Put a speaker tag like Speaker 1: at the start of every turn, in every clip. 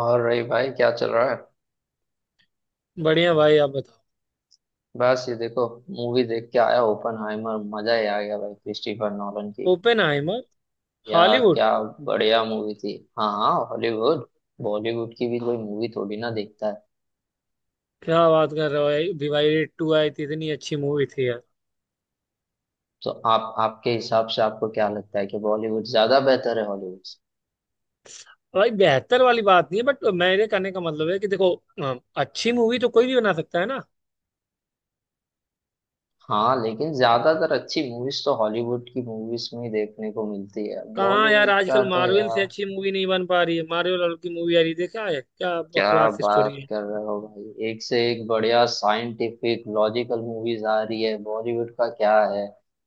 Speaker 1: और रही भाई क्या चल रहा है।
Speaker 2: बढ़िया भाई, आप बताओ।
Speaker 1: बस ये देखो। मूवी देख के आया ओपनहाइमर, मजा ही आ गया भाई क्रिस्टोफर नॉलन की।
Speaker 2: ओपेनहाइमर।
Speaker 1: या?
Speaker 2: हॉलीवुड।
Speaker 1: क्या? बढ़िया मूवी थी। हाँ हाँ, हॉलीवुड। बॉलीवुड की भी कोई मूवी थोड़ी ना देखता है।
Speaker 2: क्या बात कर रहे हो भाई, डिवाइडेड टू आई थी, इतनी अच्छी मूवी थी यार।
Speaker 1: तो आप आपके हिसाब से आपको क्या लगता है कि बॉलीवुड ज्यादा बेहतर है हॉलीवुड से?
Speaker 2: भाई बेहतर वाली बात नहीं है, बट मेरे कहने का मतलब है कि देखो अच्छी मूवी तो कोई भी बना सकता है ना।
Speaker 1: हाँ लेकिन ज्यादातर अच्छी मूवीज तो हॉलीवुड की मूवीज में ही देखने को मिलती है,
Speaker 2: कहाँ यार,
Speaker 1: बॉलीवुड का
Speaker 2: आजकल
Speaker 1: तो
Speaker 2: मार्वल से
Speaker 1: यार।
Speaker 2: अच्छी मूवी नहीं बन पा रही है। मार्वल वालों की मूवी आ रही है, देखा है? क्या
Speaker 1: क्या?
Speaker 2: बकवास
Speaker 1: बात
Speaker 2: स्टोरी है।
Speaker 1: कर रहे हो भाई, एक से एक बढ़िया साइंटिफिक लॉजिकल मूवीज आ रही है। बॉलीवुड का क्या है,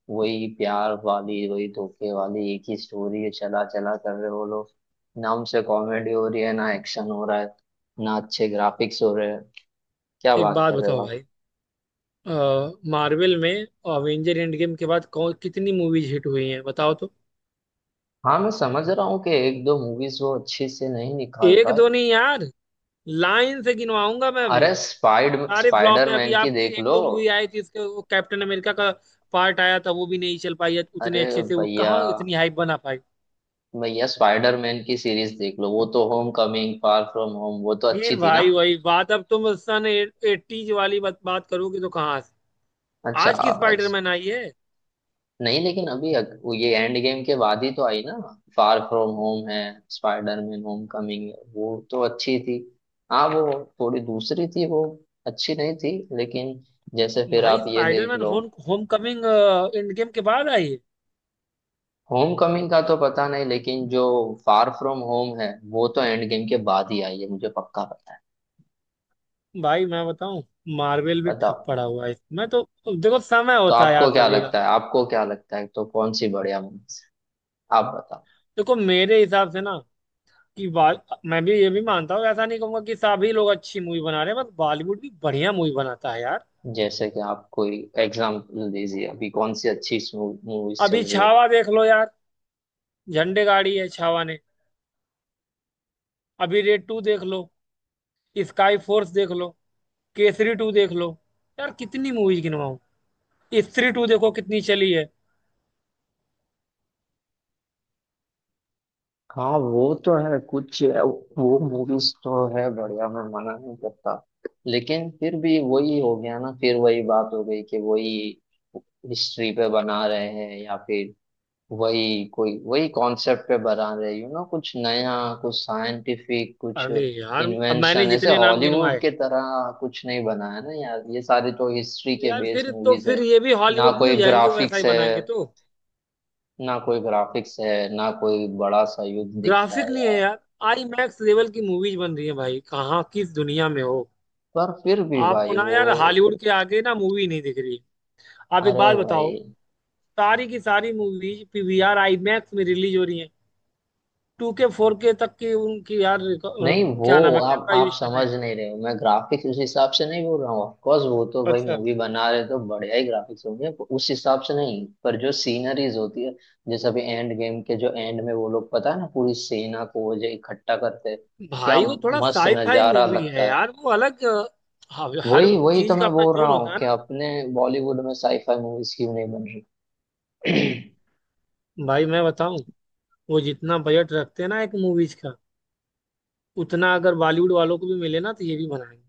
Speaker 1: वही प्यार वाली वही धोखे वाली एक ही स्टोरी है, चला चला कर रहे हो लोग। ना हमसे कॉमेडी हो रही है, ना एक्शन हो रहा है, ना अच्छे ग्राफिक्स हो रहे हैं। क्या
Speaker 2: एक
Speaker 1: बात
Speaker 2: बात
Speaker 1: कर रहे हो
Speaker 2: बताओ
Speaker 1: आप?
Speaker 2: भाई, मार्वल में अवेंजर एंड गेम के बाद कौन कितनी मूवीज हिट हुई हैं बताओ तो।
Speaker 1: हाँ, मैं समझ रहा हूँ कि एक दो मूवीज वो अच्छे से नहीं निकाल
Speaker 2: एक
Speaker 1: पाए।
Speaker 2: दो नहीं यार, लाइन से गिनवाऊंगा मैं अभी।
Speaker 1: अरे स्पाइड
Speaker 2: सारे फ्लॉप
Speaker 1: स्पाइडर
Speaker 2: हैं। अभी
Speaker 1: मैन की
Speaker 2: आपकी
Speaker 1: देख
Speaker 2: एक
Speaker 1: लो।
Speaker 2: दो मूवी आई थी इसके, वो कैप्टन अमेरिका का पार्ट आया था, वो भी नहीं चल पाई उतने
Speaker 1: अरे
Speaker 2: अच्छे से। वो
Speaker 1: भैया,
Speaker 2: कहाँ इतनी हाइप बना पाई।
Speaker 1: भैया, स्पाइडरमैन की सीरीज देख लो, वो तो homecoming, far from home, वो तो
Speaker 2: फिर
Speaker 1: अच्छी थी ना।
Speaker 2: भाई वही बात। अब तुम सन एटीज वाली बात बात करोगे तो कहाँ से
Speaker 1: अच्छा,
Speaker 2: आज की
Speaker 1: अच्छा।
Speaker 2: स्पाइडरमैन आई है।
Speaker 1: नहीं लेकिन अभी वो ये एंड गेम के बाद ही तो आई ना। फार फ्रॉम होम है। स्पाइडरमैन होम कमिंग है, वो तो अच्छी थी। हाँ वो थोड़ी दूसरी थी, वो अच्छी नहीं थी, लेकिन जैसे फिर
Speaker 2: भाई
Speaker 1: आप ये देख
Speaker 2: स्पाइडरमैन
Speaker 1: लो।
Speaker 2: Home homecoming end game के बाद आई है।
Speaker 1: होम कमिंग का तो पता नहीं, लेकिन जो फार फ्रॉम होम है, वो तो एंड गेम के बाद ही आई है, मुझे पक्का पता है।
Speaker 2: भाई मैं बताऊं, मार्वल भी ठप
Speaker 1: बताओ।
Speaker 2: पड़ा हुआ है मैं तो। देखो समय
Speaker 1: तो
Speaker 2: होता है यार
Speaker 1: आपको क्या
Speaker 2: सभी का।
Speaker 1: लगता है आपको क्या लगता है तो कौन सी बढ़िया मूवी? आप बताओ।
Speaker 2: देखो मेरे हिसाब से ना कि बाल, मैं भी ये भी मानता हूँ, ऐसा नहीं कहूंगा कि सभी लोग अच्छी मूवी बना रहे हैं, बस बॉलीवुड भी बढ़िया मूवी बनाता है यार।
Speaker 1: जैसे कि आप कोई एग्जाम्पल दीजिए, अभी कौन सी अच्छी मूवीज
Speaker 2: अभी
Speaker 1: चल रही है?
Speaker 2: छावा देख लो यार, झंडे गाड़ी है छावा ने। अभी रेड टू देख लो, स्काई फोर्स देख लो, केसरी टू देख लो। यार कितनी मूवीज गिनवाऊं, स्त्री टू देखो कितनी चली है।
Speaker 1: हाँ वो तो है कुछ, वो मूवीज तो है बढ़िया, मैं मना नहीं करता। लेकिन फिर भी वही हो गया ना, फिर वही बात हो गई कि वही हिस्ट्री पे बना रहे हैं, या फिर वही कोई वही कॉन्सेप्ट पे बना रहे कुछ नया, कुछ साइंटिफिक, कुछ
Speaker 2: अरे यार, अब मैंने
Speaker 1: इन्वेंशन ऐसे
Speaker 2: जितने नाम
Speaker 1: हॉलीवुड
Speaker 2: गिनवाए।
Speaker 1: के तरह कुछ नहीं बनाया ना यार, ये सारे तो हिस्ट्री के
Speaker 2: यार
Speaker 1: बेस्ड
Speaker 2: फिर तो,
Speaker 1: मूवीज है।
Speaker 2: फिर ये भी
Speaker 1: ना
Speaker 2: हॉलीवुड नहीं
Speaker 1: कोई
Speaker 2: हो जाएंगे वैसा ही
Speaker 1: ग्राफिक्स है
Speaker 2: बनाएंगे तो।
Speaker 1: ना कोई ग्राफिक्स है ना कोई बड़ा सा युद्ध दिखता
Speaker 2: ग्राफिक
Speaker 1: है
Speaker 2: नहीं है
Speaker 1: यार।
Speaker 2: यार, आई मैक्स लेवल की मूवीज बन रही है भाई, कहाँ किस दुनिया में हो।
Speaker 1: पर फिर भी
Speaker 2: आपको
Speaker 1: भाई
Speaker 2: ना
Speaker 1: वो।
Speaker 2: यार हॉलीवुड के आगे ना मूवी नहीं दिख रही। आप एक
Speaker 1: अरे
Speaker 2: बात
Speaker 1: भाई।
Speaker 2: बताओ। सारी की सारी मूवीज पीवीआर आईमैक्स में रिलीज हो रही हैं। टू के फोर के तक की उनकी यार
Speaker 1: नहीं वो
Speaker 2: क्या नाम है,
Speaker 1: आप
Speaker 2: कैमरा
Speaker 1: आप
Speaker 2: यूज कर रहे
Speaker 1: समझ
Speaker 2: हैं।
Speaker 1: नहीं रहे हो, मैं ग्राफिक्स उस हिसाब से नहीं बोल रहा हूँ। ऑफकोर्स वो तो भाई
Speaker 2: अच्छा।
Speaker 1: मूवी बना रहे तो बढ़िया ही ग्राफिक्स होंगे, पर उस हिसाब से नहीं। पर जो सीनरीज होती है, जैसे अभी एंड गेम के जो एंड में, वो लोग पता है ना, पूरी सेना को जो इकट्ठा करते हैं, क्या
Speaker 2: भाई वो थोड़ा
Speaker 1: मस्त
Speaker 2: साई फाई
Speaker 1: नजारा
Speaker 2: मूवी है
Speaker 1: लगता है।
Speaker 2: यार, वो अलग हर हर
Speaker 1: वही वही तो
Speaker 2: चीज का
Speaker 1: मैं
Speaker 2: अपना
Speaker 1: बोल
Speaker 2: जोन
Speaker 1: रहा
Speaker 2: होता
Speaker 1: हूँ
Speaker 2: है
Speaker 1: कि
Speaker 2: ना।
Speaker 1: अपने बॉलीवुड में साईफाई मूवीज क्यों नहीं बन रही अब।
Speaker 2: भाई मैं बताऊं, वो जितना बजट रखते हैं ना एक मूवीज का, उतना अगर बॉलीवुड वालों को भी मिले ना तो ये भी बनाएंगे।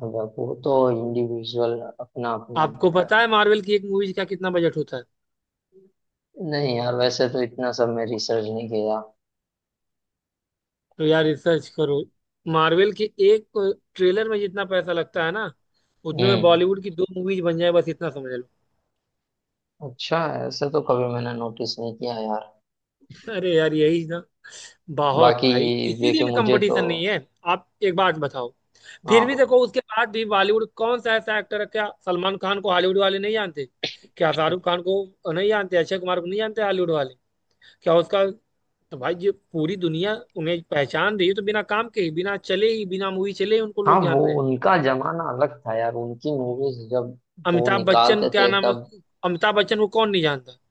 Speaker 1: वो तो इंडिविजुअल अपना अपना
Speaker 2: आपको
Speaker 1: है यार।
Speaker 2: पता है मार्वल की एक मूवीज का कितना बजट होता है?
Speaker 1: नहीं यार, वैसे तो इतना सब मैं रिसर्च नहीं किया।
Speaker 2: तो यार रिसर्च करो। मार्वल के एक ट्रेलर में जितना पैसा लगता है ना, उतने में
Speaker 1: हम्म।
Speaker 2: बॉलीवुड की दो मूवीज बन जाए, बस इतना समझ लो।
Speaker 1: अच्छा। ऐसे तो कभी मैंने नोटिस नहीं किया यार।
Speaker 2: अरे यार, यही ना, बहुत
Speaker 1: बाकी
Speaker 2: भाई
Speaker 1: देखिए
Speaker 2: इसीलिए
Speaker 1: मुझे तो।
Speaker 2: कंपटीशन नहीं है। आप एक बात बताओ, फिर भी
Speaker 1: हाँ।
Speaker 2: देखो उसके बाद भी बॉलीवुड कौन सा ऐसा एक्टर है, क्या सलमान खान को हॉलीवुड वाले नहीं जानते, क्या शाहरुख खान को नहीं जानते, अक्षय कुमार को नहीं जानते हॉलीवुड वाले, क्या उसका, तो भाई ये पूरी दुनिया उन्हें पहचान रही है। तो बिना काम के ही, बिना चले ही, बिना मूवी चले ही उनको
Speaker 1: हाँ,
Speaker 2: लोग
Speaker 1: वो
Speaker 2: जान रहे हैं।
Speaker 1: उनका जमाना अलग था यार, उनकी मूवीज जब वो
Speaker 2: अमिताभ बच्चन
Speaker 1: निकालते
Speaker 2: क्या
Speaker 1: थे
Speaker 2: नाम है,
Speaker 1: तब।
Speaker 2: अमिताभ बच्चन को कौन नहीं जानता।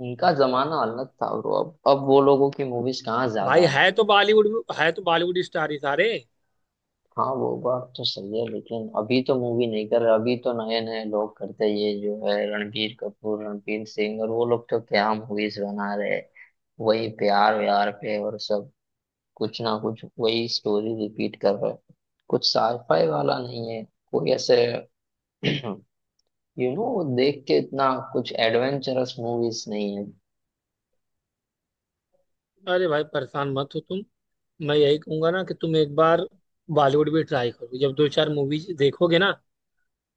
Speaker 1: उनका जमाना अलग था ब्रो, अब वो लोगों की मूवीज कहाँ
Speaker 2: भाई
Speaker 1: ज्यादा
Speaker 2: है
Speaker 1: आती है।
Speaker 2: तो बॉलीवुड में, है तो बॉलीवुड स्टार ही सारे।
Speaker 1: हाँ वो बात तो सही है, लेकिन अभी तो मूवी नहीं कर रहा, अभी तो नए नए लोग करते हैं। ये जो है रणबीर कपूर, रणबीर सिंह और वो लोग, तो क्या मूवीज बना रहे हैं। वही प्यार व्यार पे, और सब कुछ ना कुछ वही स्टोरी रिपीट कर रहे हैं। कुछ साईफाई वाला नहीं है, कोई ऐसे। देख के इतना कुछ एडवेंचरस मूवीज नहीं है।
Speaker 2: अरे भाई परेशान मत हो तुम, मैं यही कहूंगा ना कि तुम एक बार बॉलीवुड भी ट्राई करो। जब दो चार मूवीज देखोगे ना,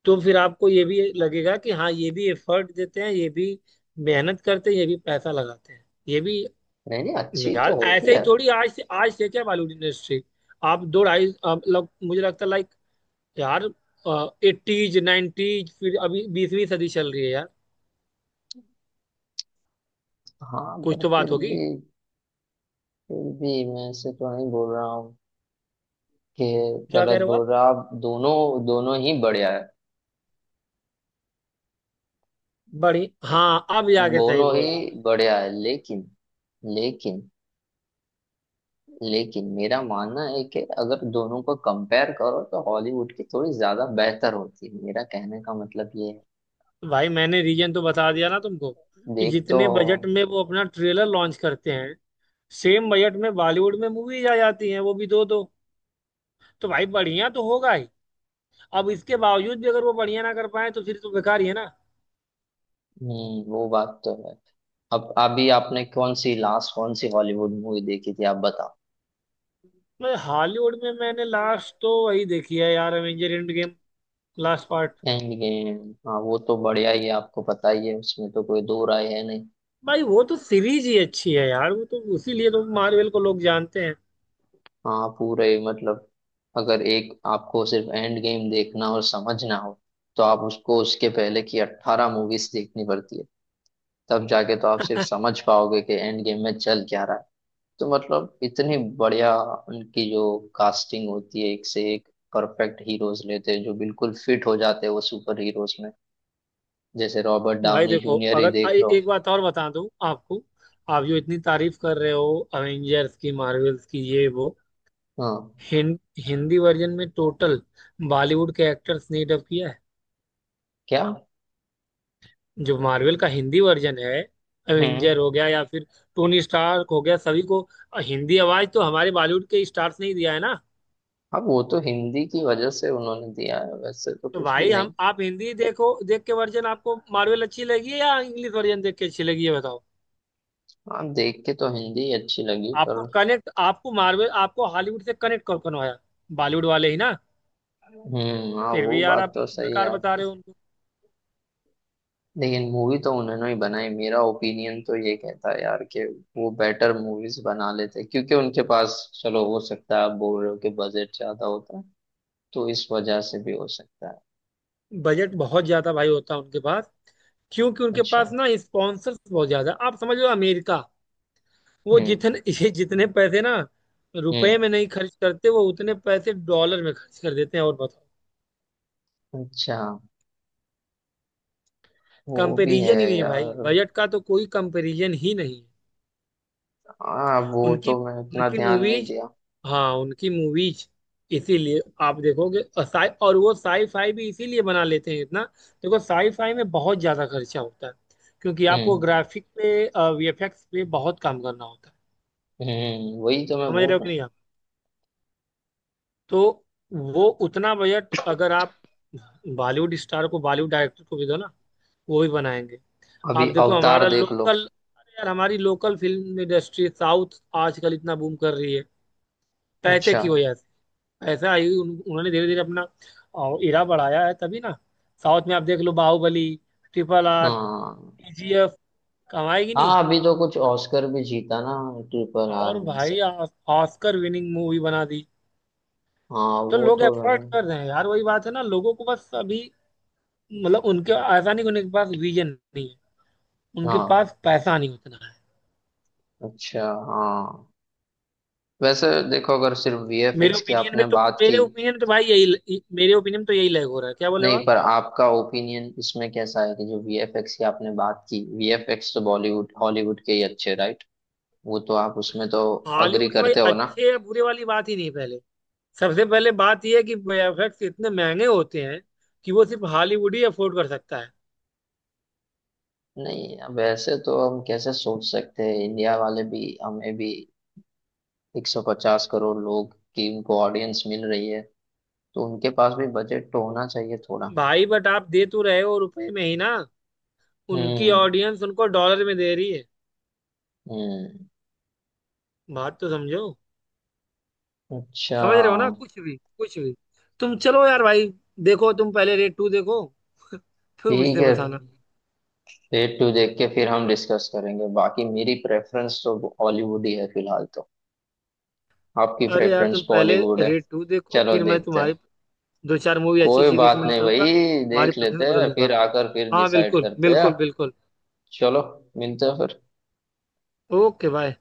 Speaker 2: तो फिर आपको ये भी लगेगा कि हाँ, ये भी एफर्ट देते हैं ये भी, मेहनत करते हैं ये भी, पैसा लगाते हैं ये भी।
Speaker 1: नहीं नहीं, अच्छी तो
Speaker 2: यार ऐसे
Speaker 1: होती
Speaker 2: ही
Speaker 1: है।
Speaker 2: थोड़ी, आज से क्या बॉलीवुड इंडस्ट्री, आप दो ढाई मतलब मुझे लगता है, लाइक यार 80s 90s, फिर अभी 20वीं सदी चल रही है यार।
Speaker 1: हाँ
Speaker 2: कुछ
Speaker 1: पर
Speaker 2: तो बात
Speaker 1: फिर
Speaker 2: होगी।
Speaker 1: भी फिर भी मैं ऐसे तो नहीं बोल रहा हूँ कि
Speaker 2: क्या कह
Speaker 1: गलत
Speaker 2: रहे हो
Speaker 1: बोल
Speaker 2: आप,
Speaker 1: रहा। आप दोनों दोनों ही बढ़िया है।
Speaker 2: बड़ी, हाँ अब जाके सही
Speaker 1: दोनों ही
Speaker 2: बोला आपने।
Speaker 1: बढ़िया है, लेकिन लेकिन लेकिन मेरा मानना है कि अगर दोनों को कंपेयर करो तो हॉलीवुड की थोड़ी ज्यादा बेहतर होती है, मेरा कहने का मतलब ये है।
Speaker 2: भाई मैंने रीजन तो बता दिया ना तुमको, कि
Speaker 1: देख तो।
Speaker 2: जितने बजट में वो अपना ट्रेलर लॉन्च करते हैं, सेम बजट में बॉलीवुड में मूवीज आ जाती हैं, वो भी दो दो। तो भाई बढ़िया तो होगा ही। अब इसके बावजूद भी अगर वो बढ़िया ना कर पाए, तो फिर तो बेकार ही है ना।
Speaker 1: वो बात तो है। अब अभी आपने कौन सी लास्ट, कौन सी हॉलीवुड मूवी देखी थी, आप बताओ?
Speaker 2: मैं हॉलीवुड में मैंने लास्ट तो वही देखी है यार, Avenger end game, last part.
Speaker 1: End game, हाँ वो तो बढ़िया ही है, आपको पता ही है उसमें तो कोई दो राय है नहीं।
Speaker 2: भाई वो तो सीरीज ही अच्छी है यार, वो तो उसीलिए तो मार्वल को लोग जानते हैं।
Speaker 1: हाँ, पूरे मतलब अगर एक आपको सिर्फ एंड गेम देखना और समझना हो, तो आप उसको उसके पहले की अट्ठारह मूवीज देखनी पड़ती है, तब जाके तो आप सिर्फ समझ पाओगे कि एंड गेम में चल क्या रहा है। तो मतलब इतनी बढ़िया उनकी जो कास्टिंग होती है, एक से एक परफेक्ट हीरोज लेते हैं जो बिल्कुल फिट हो जाते हैं वो सुपर हीरोज में, जैसे रॉबर्ट
Speaker 2: भाई
Speaker 1: डाउनी
Speaker 2: देखो,
Speaker 1: जूनियर ही
Speaker 2: अगर
Speaker 1: देख लो।
Speaker 2: एक बात और बता दूं आपको, आप जो इतनी तारीफ कर रहे हो अवेंजर्स की, मार्वल्स की, ये वो
Speaker 1: हाँ।
Speaker 2: हिं, हिंदी वर्जन में टोटल बॉलीवुड के एक्टर्स ने डब किया है।
Speaker 1: क्या?
Speaker 2: जो मार्वल का हिंदी वर्जन है,
Speaker 1: हम्म।
Speaker 2: अवेंजर हो गया या फिर टोनी स्टार्क हो गया, सभी को हिंदी आवाज तो हमारे बॉलीवुड के स्टार्स ने ही दिया है ना।
Speaker 1: अब वो तो हिंदी की वजह से उन्होंने दिया है, वैसे तो
Speaker 2: तो
Speaker 1: कुछ भी
Speaker 2: भाई हम,
Speaker 1: नहीं।
Speaker 2: आप हिंदी देखो, देख के वर्जन आपको मार्वल अच्छी लगी है या इंग्लिश वर्जन देख के अच्छी लगी, ये बताओ।
Speaker 1: हाँ देख के तो हिंदी अच्छी लगी,
Speaker 2: आपको
Speaker 1: पर।
Speaker 2: कनेक्ट, आपको मार्वल, आपको हॉलीवुड से कनेक्ट कौन करवाया? बॉलीवुड वाले ही ना।
Speaker 1: हम्म, हाँ
Speaker 2: फिर
Speaker 1: वो
Speaker 2: भी यार
Speaker 1: बात
Speaker 2: आप
Speaker 1: तो सही है
Speaker 2: बेकार बता
Speaker 1: आपकी।
Speaker 2: रहे हो उनको।
Speaker 1: लेकिन मूवी तो उन्होंने ही बनाई, मेरा ओपिनियन तो ये कहता है यार, कि वो बेटर मूवीज बना लेते क्योंकि उनके पास, चलो हो सकता है आप बोल रहे हो कि बजट ज्यादा होता है, तो इस वजह से भी हो सकता है।
Speaker 2: बजट बहुत ज्यादा भाई होता है उनके पास, क्योंकि उनके
Speaker 1: अच्छा।
Speaker 2: पास ना स्पॉन्सर्स बहुत ज्यादा। आप समझ लो अमेरिका, वो
Speaker 1: हम्म।
Speaker 2: जितने ये जितने पैसे ना
Speaker 1: हम्म।
Speaker 2: रुपए में नहीं खर्च करते, वो उतने पैसे डॉलर में खर्च कर देते हैं, और बताओ।
Speaker 1: अच्छा। वो भी है
Speaker 2: कंपेरिजन ही नहीं है भाई,
Speaker 1: यार।
Speaker 2: बजट का तो कोई कंपेरिजन ही नहीं है।
Speaker 1: हाँ वो
Speaker 2: उनकी
Speaker 1: तो मैं इतना
Speaker 2: उनकी
Speaker 1: ध्यान नहीं
Speaker 2: मूवीज,
Speaker 1: दिया।
Speaker 2: हाँ उनकी मूवीज इसीलिए आप देखोगे, और साई, और वो साई फाई भी इसीलिए बना लेते हैं इतना। देखो साई फाई में बहुत ज्यादा खर्चा होता है, क्योंकि आपको
Speaker 1: हम्म।
Speaker 2: ग्राफिक पे, वीएफएक्स पे बहुत काम करना होता है।
Speaker 1: हम्म, वही तो मैं
Speaker 2: समझ
Speaker 1: बोल
Speaker 2: रहे हो
Speaker 1: रहा
Speaker 2: कि
Speaker 1: हूँ।
Speaker 2: नहीं आप। तो वो उतना बजट अगर आप बॉलीवुड स्टार को, बॉलीवुड डायरेक्टर को भी दो ना, वो भी बनाएंगे। आप
Speaker 1: अभी
Speaker 2: देखो
Speaker 1: अवतार
Speaker 2: हमारा
Speaker 1: देख लो।
Speaker 2: लोकल, अरे यार हमारी लोकल फिल्म इंडस्ट्री साउथ आजकल इतना बूम कर रही है, पैसे
Speaker 1: अच्छा।
Speaker 2: की वजह से। ऐसा आई उन्होंने धीरे धीरे अपना इरा बढ़ाया है तभी ना। साउथ में आप देख लो, बाहुबली, RRR,
Speaker 1: हाँ
Speaker 2: केजीएफ कमाएगी नहीं,
Speaker 1: हाँ, अभी तो कुछ ऑस्कर भी जीता ना ट्रिपल आर
Speaker 2: और
Speaker 1: में से।
Speaker 2: भाई ऑस्कर विनिंग मूवी बना दी।
Speaker 1: हाँ
Speaker 2: तो
Speaker 1: वो
Speaker 2: लोग
Speaker 1: तो
Speaker 2: एफर्ट
Speaker 1: मैंने।
Speaker 2: कर रहे हैं यार, वही बात है ना, लोगों को बस अभी मतलब, उनके ऐसा नहीं कि उनके पास विजन नहीं है, उनके
Speaker 1: हाँ।
Speaker 2: पास पैसा नहीं उतना है।
Speaker 1: अच्छा। हाँ। वैसे देखो, अगर सिर्फ
Speaker 2: मेरे
Speaker 1: वीएफएक्स की
Speaker 2: ओपिनियन
Speaker 1: आपने
Speaker 2: में तो,
Speaker 1: बात
Speaker 2: मेरे
Speaker 1: की।
Speaker 2: ओपिनियन तो भाई यही, मेरे ओपिनियन तो यही लैग हो रहा है, क्या बोले
Speaker 1: नहीं
Speaker 2: आप।
Speaker 1: पर आपका ओपिनियन इसमें कैसा है कि जो वीएफएक्स की आपने बात की, वीएफएक्स तो बॉलीवुड हॉलीवुड के ही अच्छे, राइट? वो तो आप उसमें तो अग्री
Speaker 2: हॉलीवुड के भाई
Speaker 1: करते हो ना।
Speaker 2: अच्छे या बुरे वाली बात ही नहीं है पहले। सबसे पहले बात यह है कि वीएफएक्स इतने महंगे होते हैं कि वो सिर्फ हॉलीवुड ही अफोर्ड कर सकता है।
Speaker 1: नहीं, वैसे तो हम कैसे सोच सकते हैं, इंडिया वाले भी, हमें भी 150 करोड़ लोग की उनको ऑडियंस मिल रही है, तो उनके पास भी बजट तो होना चाहिए थोड़ा।
Speaker 2: भाई बट आप दे तो रहे हो रुपए में ही ना, उनकी
Speaker 1: हम्म।
Speaker 2: ऑडियंस उनको डॉलर में दे रही है।
Speaker 1: हम्म।
Speaker 2: समझ
Speaker 1: अच्छा।
Speaker 2: रहे हो ना, वाह आप तो कुछ भी समझो, कुछ भी। तुम चलो यार भाई, देखो तुम पहले रेट टू देखो फिर
Speaker 1: ठीक
Speaker 2: मुझसे
Speaker 1: है।
Speaker 2: बताना।
Speaker 1: रेट टू देख के फिर हम डिस्कस करेंगे, बाकी मेरी प्रेफरेंस तो हॉलीवुड ही है फिलहाल तो। आपकी
Speaker 2: अरे यार
Speaker 1: प्रेफरेंस
Speaker 2: तुम पहले
Speaker 1: बॉलीवुड है।
Speaker 2: रेट टू देखो,
Speaker 1: चलो
Speaker 2: फिर मैं
Speaker 1: देखते हैं।
Speaker 2: तुम्हारी दो चार मूवी अच्छी
Speaker 1: कोई
Speaker 2: अच्छी
Speaker 1: बात
Speaker 2: रिकमेंड
Speaker 1: नहीं
Speaker 2: करूंगा,
Speaker 1: भाई,
Speaker 2: तुम्हारी
Speaker 1: देख
Speaker 2: प्रेफरेंस
Speaker 1: लेते
Speaker 2: बदल
Speaker 1: हैं,
Speaker 2: दूंगा।
Speaker 1: फिर आकर फिर
Speaker 2: हाँ
Speaker 1: डिसाइड
Speaker 2: बिल्कुल
Speaker 1: करते हैं।
Speaker 2: बिल्कुल बिल्कुल।
Speaker 1: चलो, मिलते हैं फिर।
Speaker 2: Okay bye.